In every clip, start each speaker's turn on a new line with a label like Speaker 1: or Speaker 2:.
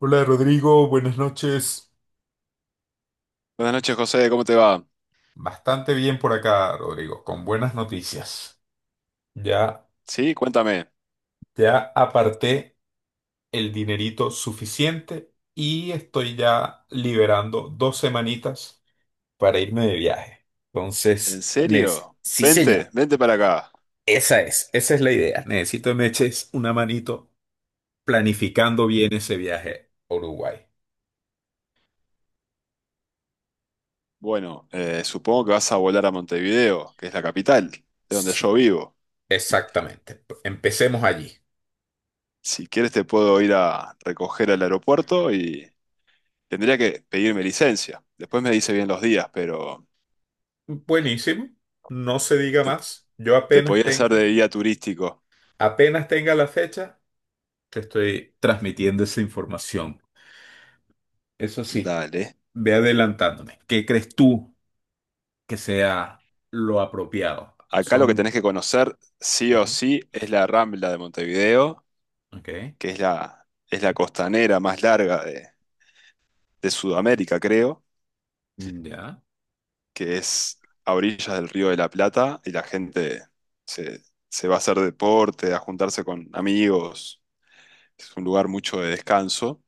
Speaker 1: Hola Rodrigo, buenas noches.
Speaker 2: Buenas noches, José, ¿cómo te va?
Speaker 1: Bastante bien por acá, Rodrigo, con buenas noticias. Ya,
Speaker 2: Sí, cuéntame.
Speaker 1: ya aparté el dinerito suficiente y estoy ya liberando dos semanitas para irme de viaje. Entonces,
Speaker 2: ¿En
Speaker 1: Nes,
Speaker 2: serio?
Speaker 1: sí
Speaker 2: Vente,
Speaker 1: señor,
Speaker 2: vente para acá.
Speaker 1: esa es la idea. Necesito que me eches una manito planificando bien ese viaje a Uruguay.
Speaker 2: Bueno, supongo que vas a volar a Montevideo, que es la capital, de donde yo
Speaker 1: Sí,
Speaker 2: vivo.
Speaker 1: exactamente. Empecemos allí.
Speaker 2: Si quieres te puedo ir a recoger al aeropuerto y tendría que pedirme licencia. Después me dice bien los días, pero
Speaker 1: Buenísimo, no se diga
Speaker 2: te,
Speaker 1: más. Yo
Speaker 2: te
Speaker 1: apenas
Speaker 2: podía hacer
Speaker 1: tenga,
Speaker 2: de guía turístico.
Speaker 1: apenas tenga la fecha, te estoy transmitiendo esa información. Eso sí,
Speaker 2: Dale.
Speaker 1: ve adelantándome. ¿Qué crees tú que sea lo apropiado?
Speaker 2: Acá lo que
Speaker 1: Son...
Speaker 2: tenés que conocer sí o
Speaker 1: Ujú,
Speaker 2: sí es la Rambla de Montevideo,
Speaker 1: ok,
Speaker 2: que es es la costanera más larga de Sudamérica, creo
Speaker 1: ya.
Speaker 2: que es a orillas del Río de la Plata y la gente se, se va a hacer deporte, a juntarse con amigos. Es un lugar mucho de descanso.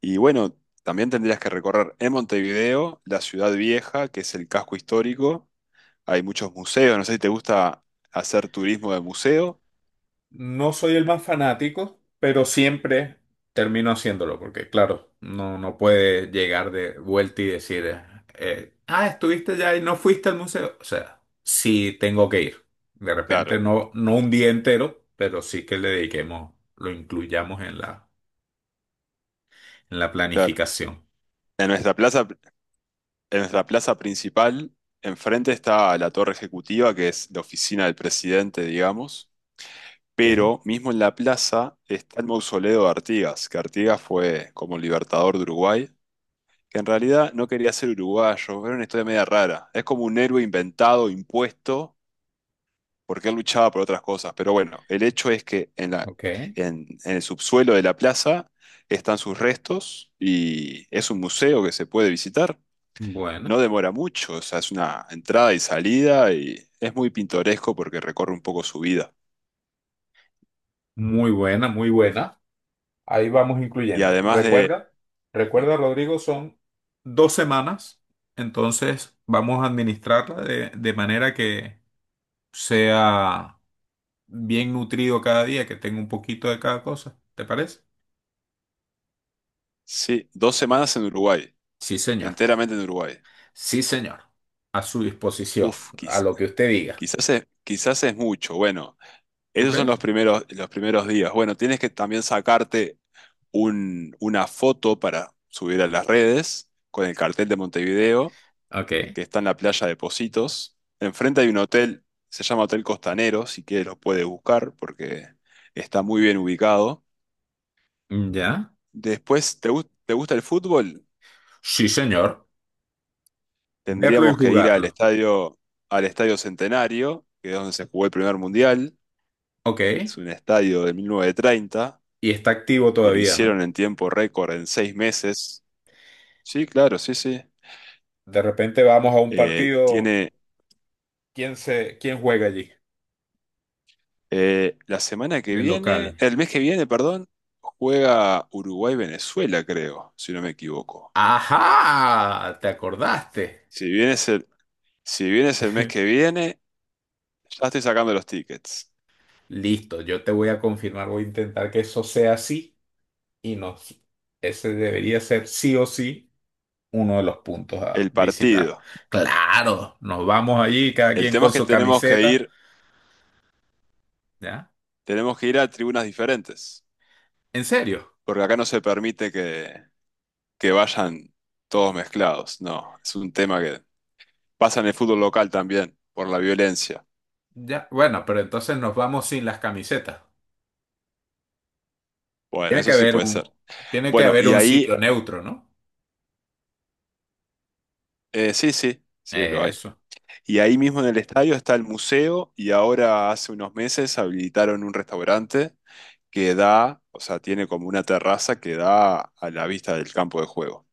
Speaker 2: Y bueno, también tendrías que recorrer en Montevideo la ciudad vieja, que es el casco histórico. Hay muchos museos, no sé si te gusta hacer turismo de museo.
Speaker 1: No soy el más fanático, pero siempre termino haciéndolo, porque claro, no, no puede llegar de vuelta y decir, estuviste ya y no fuiste al museo. O sea, sí tengo que ir. De repente
Speaker 2: Claro,
Speaker 1: no, no un día entero, pero sí que le dediquemos, lo incluyamos en la
Speaker 2: claro.
Speaker 1: planificación.
Speaker 2: En nuestra plaza, en nuestra plaza principal, enfrente está la torre ejecutiva, que es la oficina del presidente, digamos.
Speaker 1: Ok,
Speaker 2: Pero mismo en la plaza está el mausoleo de Artigas, que Artigas fue como libertador de Uruguay, que en realidad no quería ser uruguayo, era una historia media rara. Es como un héroe inventado, impuesto, porque él luchaba por otras cosas. Pero bueno, el hecho es que
Speaker 1: ok.
Speaker 2: en el subsuelo de la plaza están sus restos y es un museo que se puede visitar.
Speaker 1: Bueno,
Speaker 2: No demora mucho, o sea, es una entrada y salida y es muy pintoresco porque recorre un poco su vida.
Speaker 1: muy buena, muy buena. Ahí vamos
Speaker 2: Y
Speaker 1: incluyendo.
Speaker 2: además de...
Speaker 1: Recuerda, recuerda, Rodrigo, son dos semanas, entonces vamos a administrarla de manera que sea bien nutrido cada día, que tenga un poquito de cada cosa. ¿Te parece?
Speaker 2: Sí, dos semanas en Uruguay,
Speaker 1: Sí, señor.
Speaker 2: enteramente en Uruguay.
Speaker 1: Sí, señor. A su disposición,
Speaker 2: Uf,
Speaker 1: a lo que usted diga.
Speaker 2: quizás es mucho. Bueno,
Speaker 1: ¿Tú
Speaker 2: esos son
Speaker 1: crees?
Speaker 2: los primeros días. Bueno, tienes que también sacarte una foto para subir a las redes con el cartel de Montevideo,
Speaker 1: Ok.
Speaker 2: que está en la playa de Positos. Enfrente hay un hotel, se llama Hotel Costanero, si quieres lo puedes buscar porque está muy bien ubicado.
Speaker 1: ¿Ya?
Speaker 2: Después, ¿ te gusta el fútbol?
Speaker 1: Sí, señor. Verlo y
Speaker 2: Tendríamos que ir
Speaker 1: jugarlo.
Speaker 2: al Estadio Centenario, que es donde se jugó el primer mundial.
Speaker 1: Ok.
Speaker 2: Es un estadio de 1930
Speaker 1: Y está activo
Speaker 2: que lo
Speaker 1: todavía, ¿no?
Speaker 2: hicieron en tiempo récord en seis meses. Sí, claro, sí, sí.
Speaker 1: De repente vamos a un partido.
Speaker 2: Tiene
Speaker 1: ¿Quién juega allí
Speaker 2: la semana que
Speaker 1: de
Speaker 2: viene,
Speaker 1: local?
Speaker 2: el mes que viene, perdón, juega Uruguay-Venezuela, creo, si no me equivoco.
Speaker 1: ¡Ajá! ¿Te acordaste?
Speaker 2: Si bien es el, si bien es el mes que viene, ya estoy sacando los tickets.
Speaker 1: Listo, yo te voy a confirmar, voy a intentar que eso sea así y nos, ese debería ser sí o sí uno de los puntos a
Speaker 2: El
Speaker 1: visitar.
Speaker 2: partido.
Speaker 1: Claro, nos vamos allí, cada
Speaker 2: El
Speaker 1: quien
Speaker 2: tema
Speaker 1: con
Speaker 2: es que
Speaker 1: su camiseta, ¿ya?
Speaker 2: tenemos que ir a tribunas diferentes,
Speaker 1: ¿En serio?
Speaker 2: porque acá no se permite que vayan todos mezclados, no, es un tema que pasa en el fútbol local también, por la violencia.
Speaker 1: Ya, bueno, pero entonces nos vamos sin las camisetas.
Speaker 2: Bueno,
Speaker 1: Tiene que
Speaker 2: eso sí
Speaker 1: haber
Speaker 2: puede
Speaker 1: un,
Speaker 2: ser.
Speaker 1: tiene que
Speaker 2: Bueno,
Speaker 1: haber
Speaker 2: y
Speaker 1: un
Speaker 2: ahí,
Speaker 1: sitio neutro, ¿no?
Speaker 2: sí, sí, sí, lo hay.
Speaker 1: Eso,
Speaker 2: Y ahí mismo en el estadio está el museo y ahora hace unos meses habilitaron un restaurante que da, o sea, tiene como una terraza que da a la vista del campo de juego.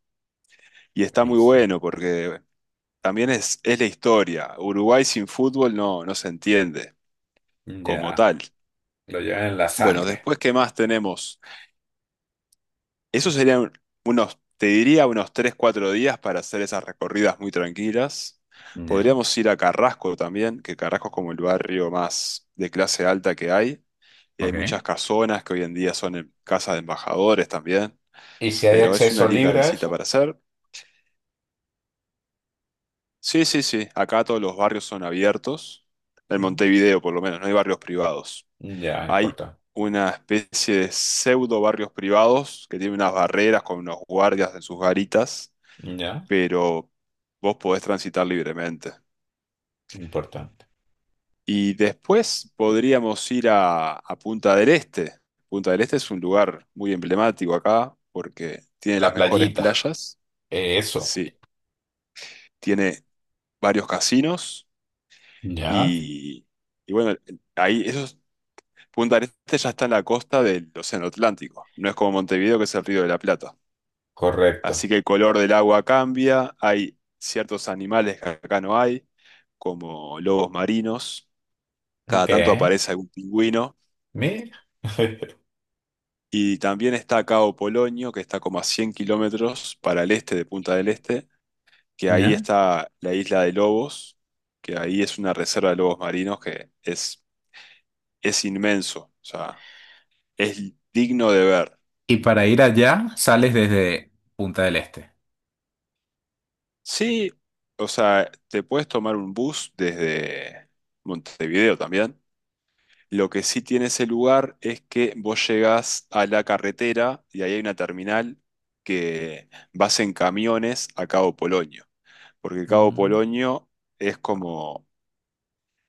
Speaker 2: Y está muy
Speaker 1: buenísimo.
Speaker 2: bueno porque también es la historia. Uruguay sin fútbol no, no se entiende como
Speaker 1: Ya,
Speaker 2: tal.
Speaker 1: lo llevan en la
Speaker 2: Bueno,
Speaker 1: sangre.
Speaker 2: después, ¿qué más tenemos? Eso serían unos, te diría, unos 3, 4 días para hacer esas recorridas muy tranquilas.
Speaker 1: Ya,
Speaker 2: Podríamos ir a Carrasco también, que Carrasco es como el barrio más de clase alta que hay. Y hay
Speaker 1: ok.
Speaker 2: muchas casonas que hoy en día casas de embajadores también.
Speaker 1: ¿Y si hay
Speaker 2: Pero es una
Speaker 1: acceso
Speaker 2: linda
Speaker 1: libre a
Speaker 2: visita
Speaker 1: eso?
Speaker 2: para hacer. Sí, sí, sí. Acá todos los barrios son abiertos. En
Speaker 1: Mm,
Speaker 2: Montevideo, por lo menos, no hay barrios privados.
Speaker 1: ya,
Speaker 2: Hay
Speaker 1: importante.
Speaker 2: una especie de pseudo barrios privados que tienen unas barreras con unos guardias en sus garitas,
Speaker 1: Ya,
Speaker 2: pero vos podés transitar libremente.
Speaker 1: importante.
Speaker 2: Y después podríamos ir a Punta del Este. Punta del Este es un lugar muy emblemático acá porque tiene
Speaker 1: La
Speaker 2: las mejores
Speaker 1: playita.
Speaker 2: playas.
Speaker 1: Eso.
Speaker 2: Sí, tiene varios casinos
Speaker 1: Ya,
Speaker 2: y, y bueno, ahí esos, Punta del Este ya está en la costa del Océano Atlántico. No es como Montevideo que es el Río de la Plata. Así
Speaker 1: correcto.
Speaker 2: que el color del agua cambia, hay ciertos animales que acá no hay, como lobos marinos, cada
Speaker 1: Ok,
Speaker 2: tanto aparece algún pingüino,
Speaker 1: mira.
Speaker 2: y también está Cabo Polonio, que está como a 100 kilómetros para el este de Punta del Este, que ahí
Speaker 1: Ya.
Speaker 2: está la isla de lobos, que ahí es una reserva de lobos marinos que es inmenso, o sea, es digno de ver.
Speaker 1: Y para ir allá sales desde Punta del Este.
Speaker 2: Sí, o sea, te puedes tomar un bus desde Montevideo también. Lo que sí tiene ese lugar es que vos llegás a la carretera y ahí hay una terminal que vas en camiones a Cabo Polonio, porque Cabo
Speaker 1: Mm,
Speaker 2: Polonio es como,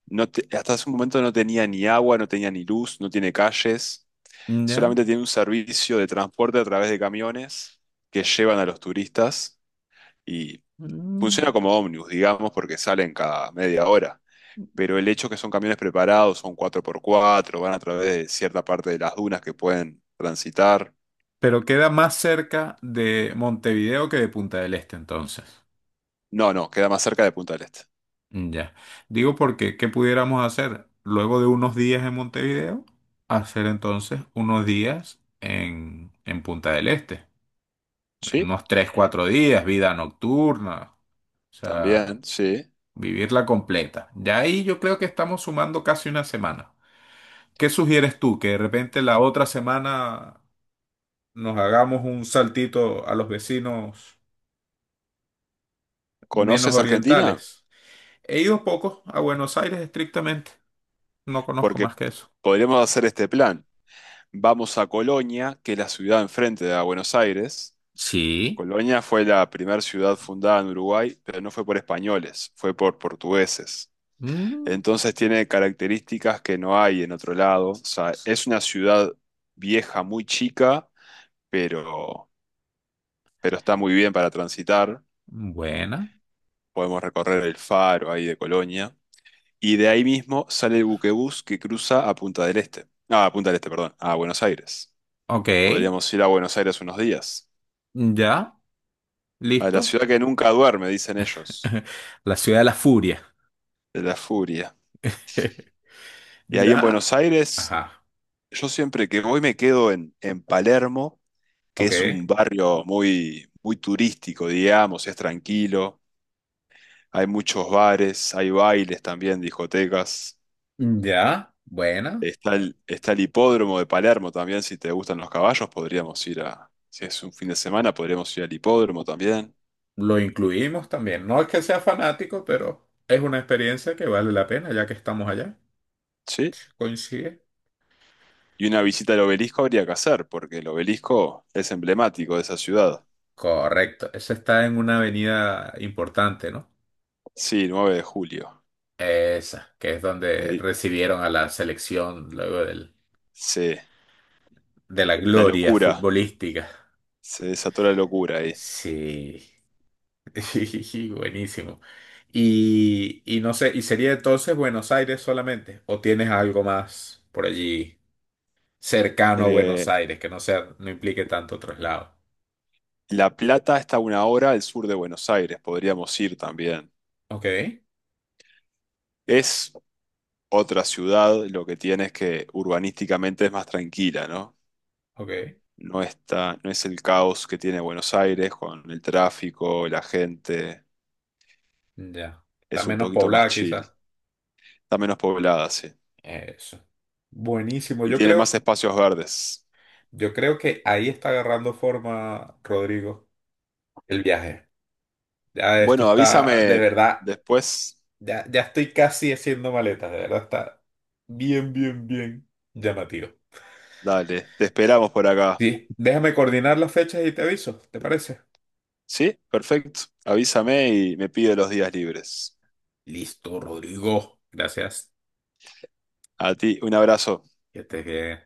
Speaker 2: no te- hasta hace un momento no tenía ni agua, no tenía ni luz, no tiene calles,
Speaker 1: ya.
Speaker 2: solamente tiene un servicio de transporte a través de camiones que llevan a los turistas y funciona
Speaker 1: Mm.
Speaker 2: como ómnibus, digamos, porque salen cada media hora, pero el hecho que son camiones preparados, son cuatro por cuatro, van a través de cierta parte de las dunas que pueden transitar.
Speaker 1: Pero queda más cerca de Montevideo que de Punta del Este entonces.
Speaker 2: No, no, queda más cerca de Punta del Este.
Speaker 1: Mm, ya. Digo porque, ¿qué pudiéramos hacer? Luego de unos días en Montevideo, hacer entonces unos días en, Punta del Este.
Speaker 2: Sí,
Speaker 1: Unos 3 4 días, vida nocturna. O sea,
Speaker 2: también, sí.
Speaker 1: vivirla completa. Ya ahí yo creo que estamos sumando casi una semana. ¿Qué sugieres tú? Que de repente la otra semana nos hagamos un saltito a los vecinos menos
Speaker 2: ¿Conoces Argentina?
Speaker 1: orientales. He ido pocos a Buenos Aires estrictamente. No conozco
Speaker 2: Porque
Speaker 1: más que eso.
Speaker 2: podríamos hacer este plan. Vamos a Colonia, que es la ciudad enfrente de Buenos Aires.
Speaker 1: Sí.
Speaker 2: Colonia fue la primera ciudad fundada en Uruguay, pero no fue por españoles, fue por portugueses.
Speaker 1: Mm,
Speaker 2: Entonces tiene características que no hay en otro lado. O sea, es una ciudad vieja, muy chica, pero, pero está muy bien para transitar.
Speaker 1: buena.
Speaker 2: Podemos recorrer el faro ahí de Colonia. Y de ahí mismo sale el buquebús que cruza a Punta del Este. Ah, a Punta del Este, perdón, a Buenos Aires.
Speaker 1: Ok.
Speaker 2: Podríamos ir a Buenos Aires unos días.
Speaker 1: Ya.
Speaker 2: A la
Speaker 1: Listo.
Speaker 2: ciudad que nunca duerme, dicen ellos,
Speaker 1: La ciudad de la furia.
Speaker 2: de la furia. Y ahí en
Speaker 1: Ya.
Speaker 2: Buenos Aires,
Speaker 1: Ajá.
Speaker 2: yo siempre que voy me quedo en Palermo, que es
Speaker 1: Ok.
Speaker 2: un barrio muy, muy turístico, digamos, es tranquilo. Hay muchos bares, hay bailes también, discotecas.
Speaker 1: Ya. Buena.
Speaker 2: Está el hipódromo de Palermo también, si te gustan los caballos, podríamos ir a, si es un fin de semana, podríamos ir al hipódromo también,
Speaker 1: Lo incluimos también. No es que sea fanático, pero es una experiencia que vale la pena ya que estamos allá.
Speaker 2: ¿sí?
Speaker 1: Coincide.
Speaker 2: Y una visita al obelisco habría que hacer, porque el obelisco es emblemático de esa ciudad.
Speaker 1: Correcto. Esa está en una avenida importante, ¿no?
Speaker 2: Sí, 9 de Julio.
Speaker 1: Esa, que es
Speaker 2: Que
Speaker 1: donde
Speaker 2: di-
Speaker 1: recibieron a la selección
Speaker 2: Se,
Speaker 1: de la
Speaker 2: la
Speaker 1: gloria
Speaker 2: locura,
Speaker 1: futbolística.
Speaker 2: se desató la locura ahí.
Speaker 1: Sí. Buenísimo. Y no sé, ¿y sería entonces Buenos Aires solamente? ¿O tienes algo más por allí cercano a Buenos
Speaker 2: Eh,
Speaker 1: Aires que no sea, no implique tanto traslado?
Speaker 2: La Plata está a una hora al sur de Buenos Aires, podríamos ir también.
Speaker 1: Ok,
Speaker 2: Es otra ciudad, lo que tiene es que urbanísticamente es más tranquila, ¿no?
Speaker 1: ok,
Speaker 2: No es el caos que tiene Buenos Aires con el tráfico, la gente.
Speaker 1: ya. Está
Speaker 2: Es un
Speaker 1: menos
Speaker 2: poquito más
Speaker 1: poblada quizás.
Speaker 2: chill. Está menos poblada, sí.
Speaker 1: Eso. Buenísimo.
Speaker 2: Y
Speaker 1: Yo
Speaker 2: tiene más
Speaker 1: creo,
Speaker 2: espacios verdes.
Speaker 1: yo creo que ahí está agarrando forma, Rodrigo, el viaje. Ya esto
Speaker 2: Bueno,
Speaker 1: está, de
Speaker 2: avísame
Speaker 1: verdad,
Speaker 2: después.
Speaker 1: ya, ya estoy casi haciendo maletas, de verdad está bien, bien, bien llamativo.
Speaker 2: Dale, te esperamos por acá.
Speaker 1: Sí, déjame coordinar las fechas y te aviso, ¿te parece?
Speaker 2: Sí, perfecto. Avísame y me pido los días libres.
Speaker 1: Listo, Rodrigo. Gracias.
Speaker 2: A ti, un abrazo.
Speaker 1: Que estés bien.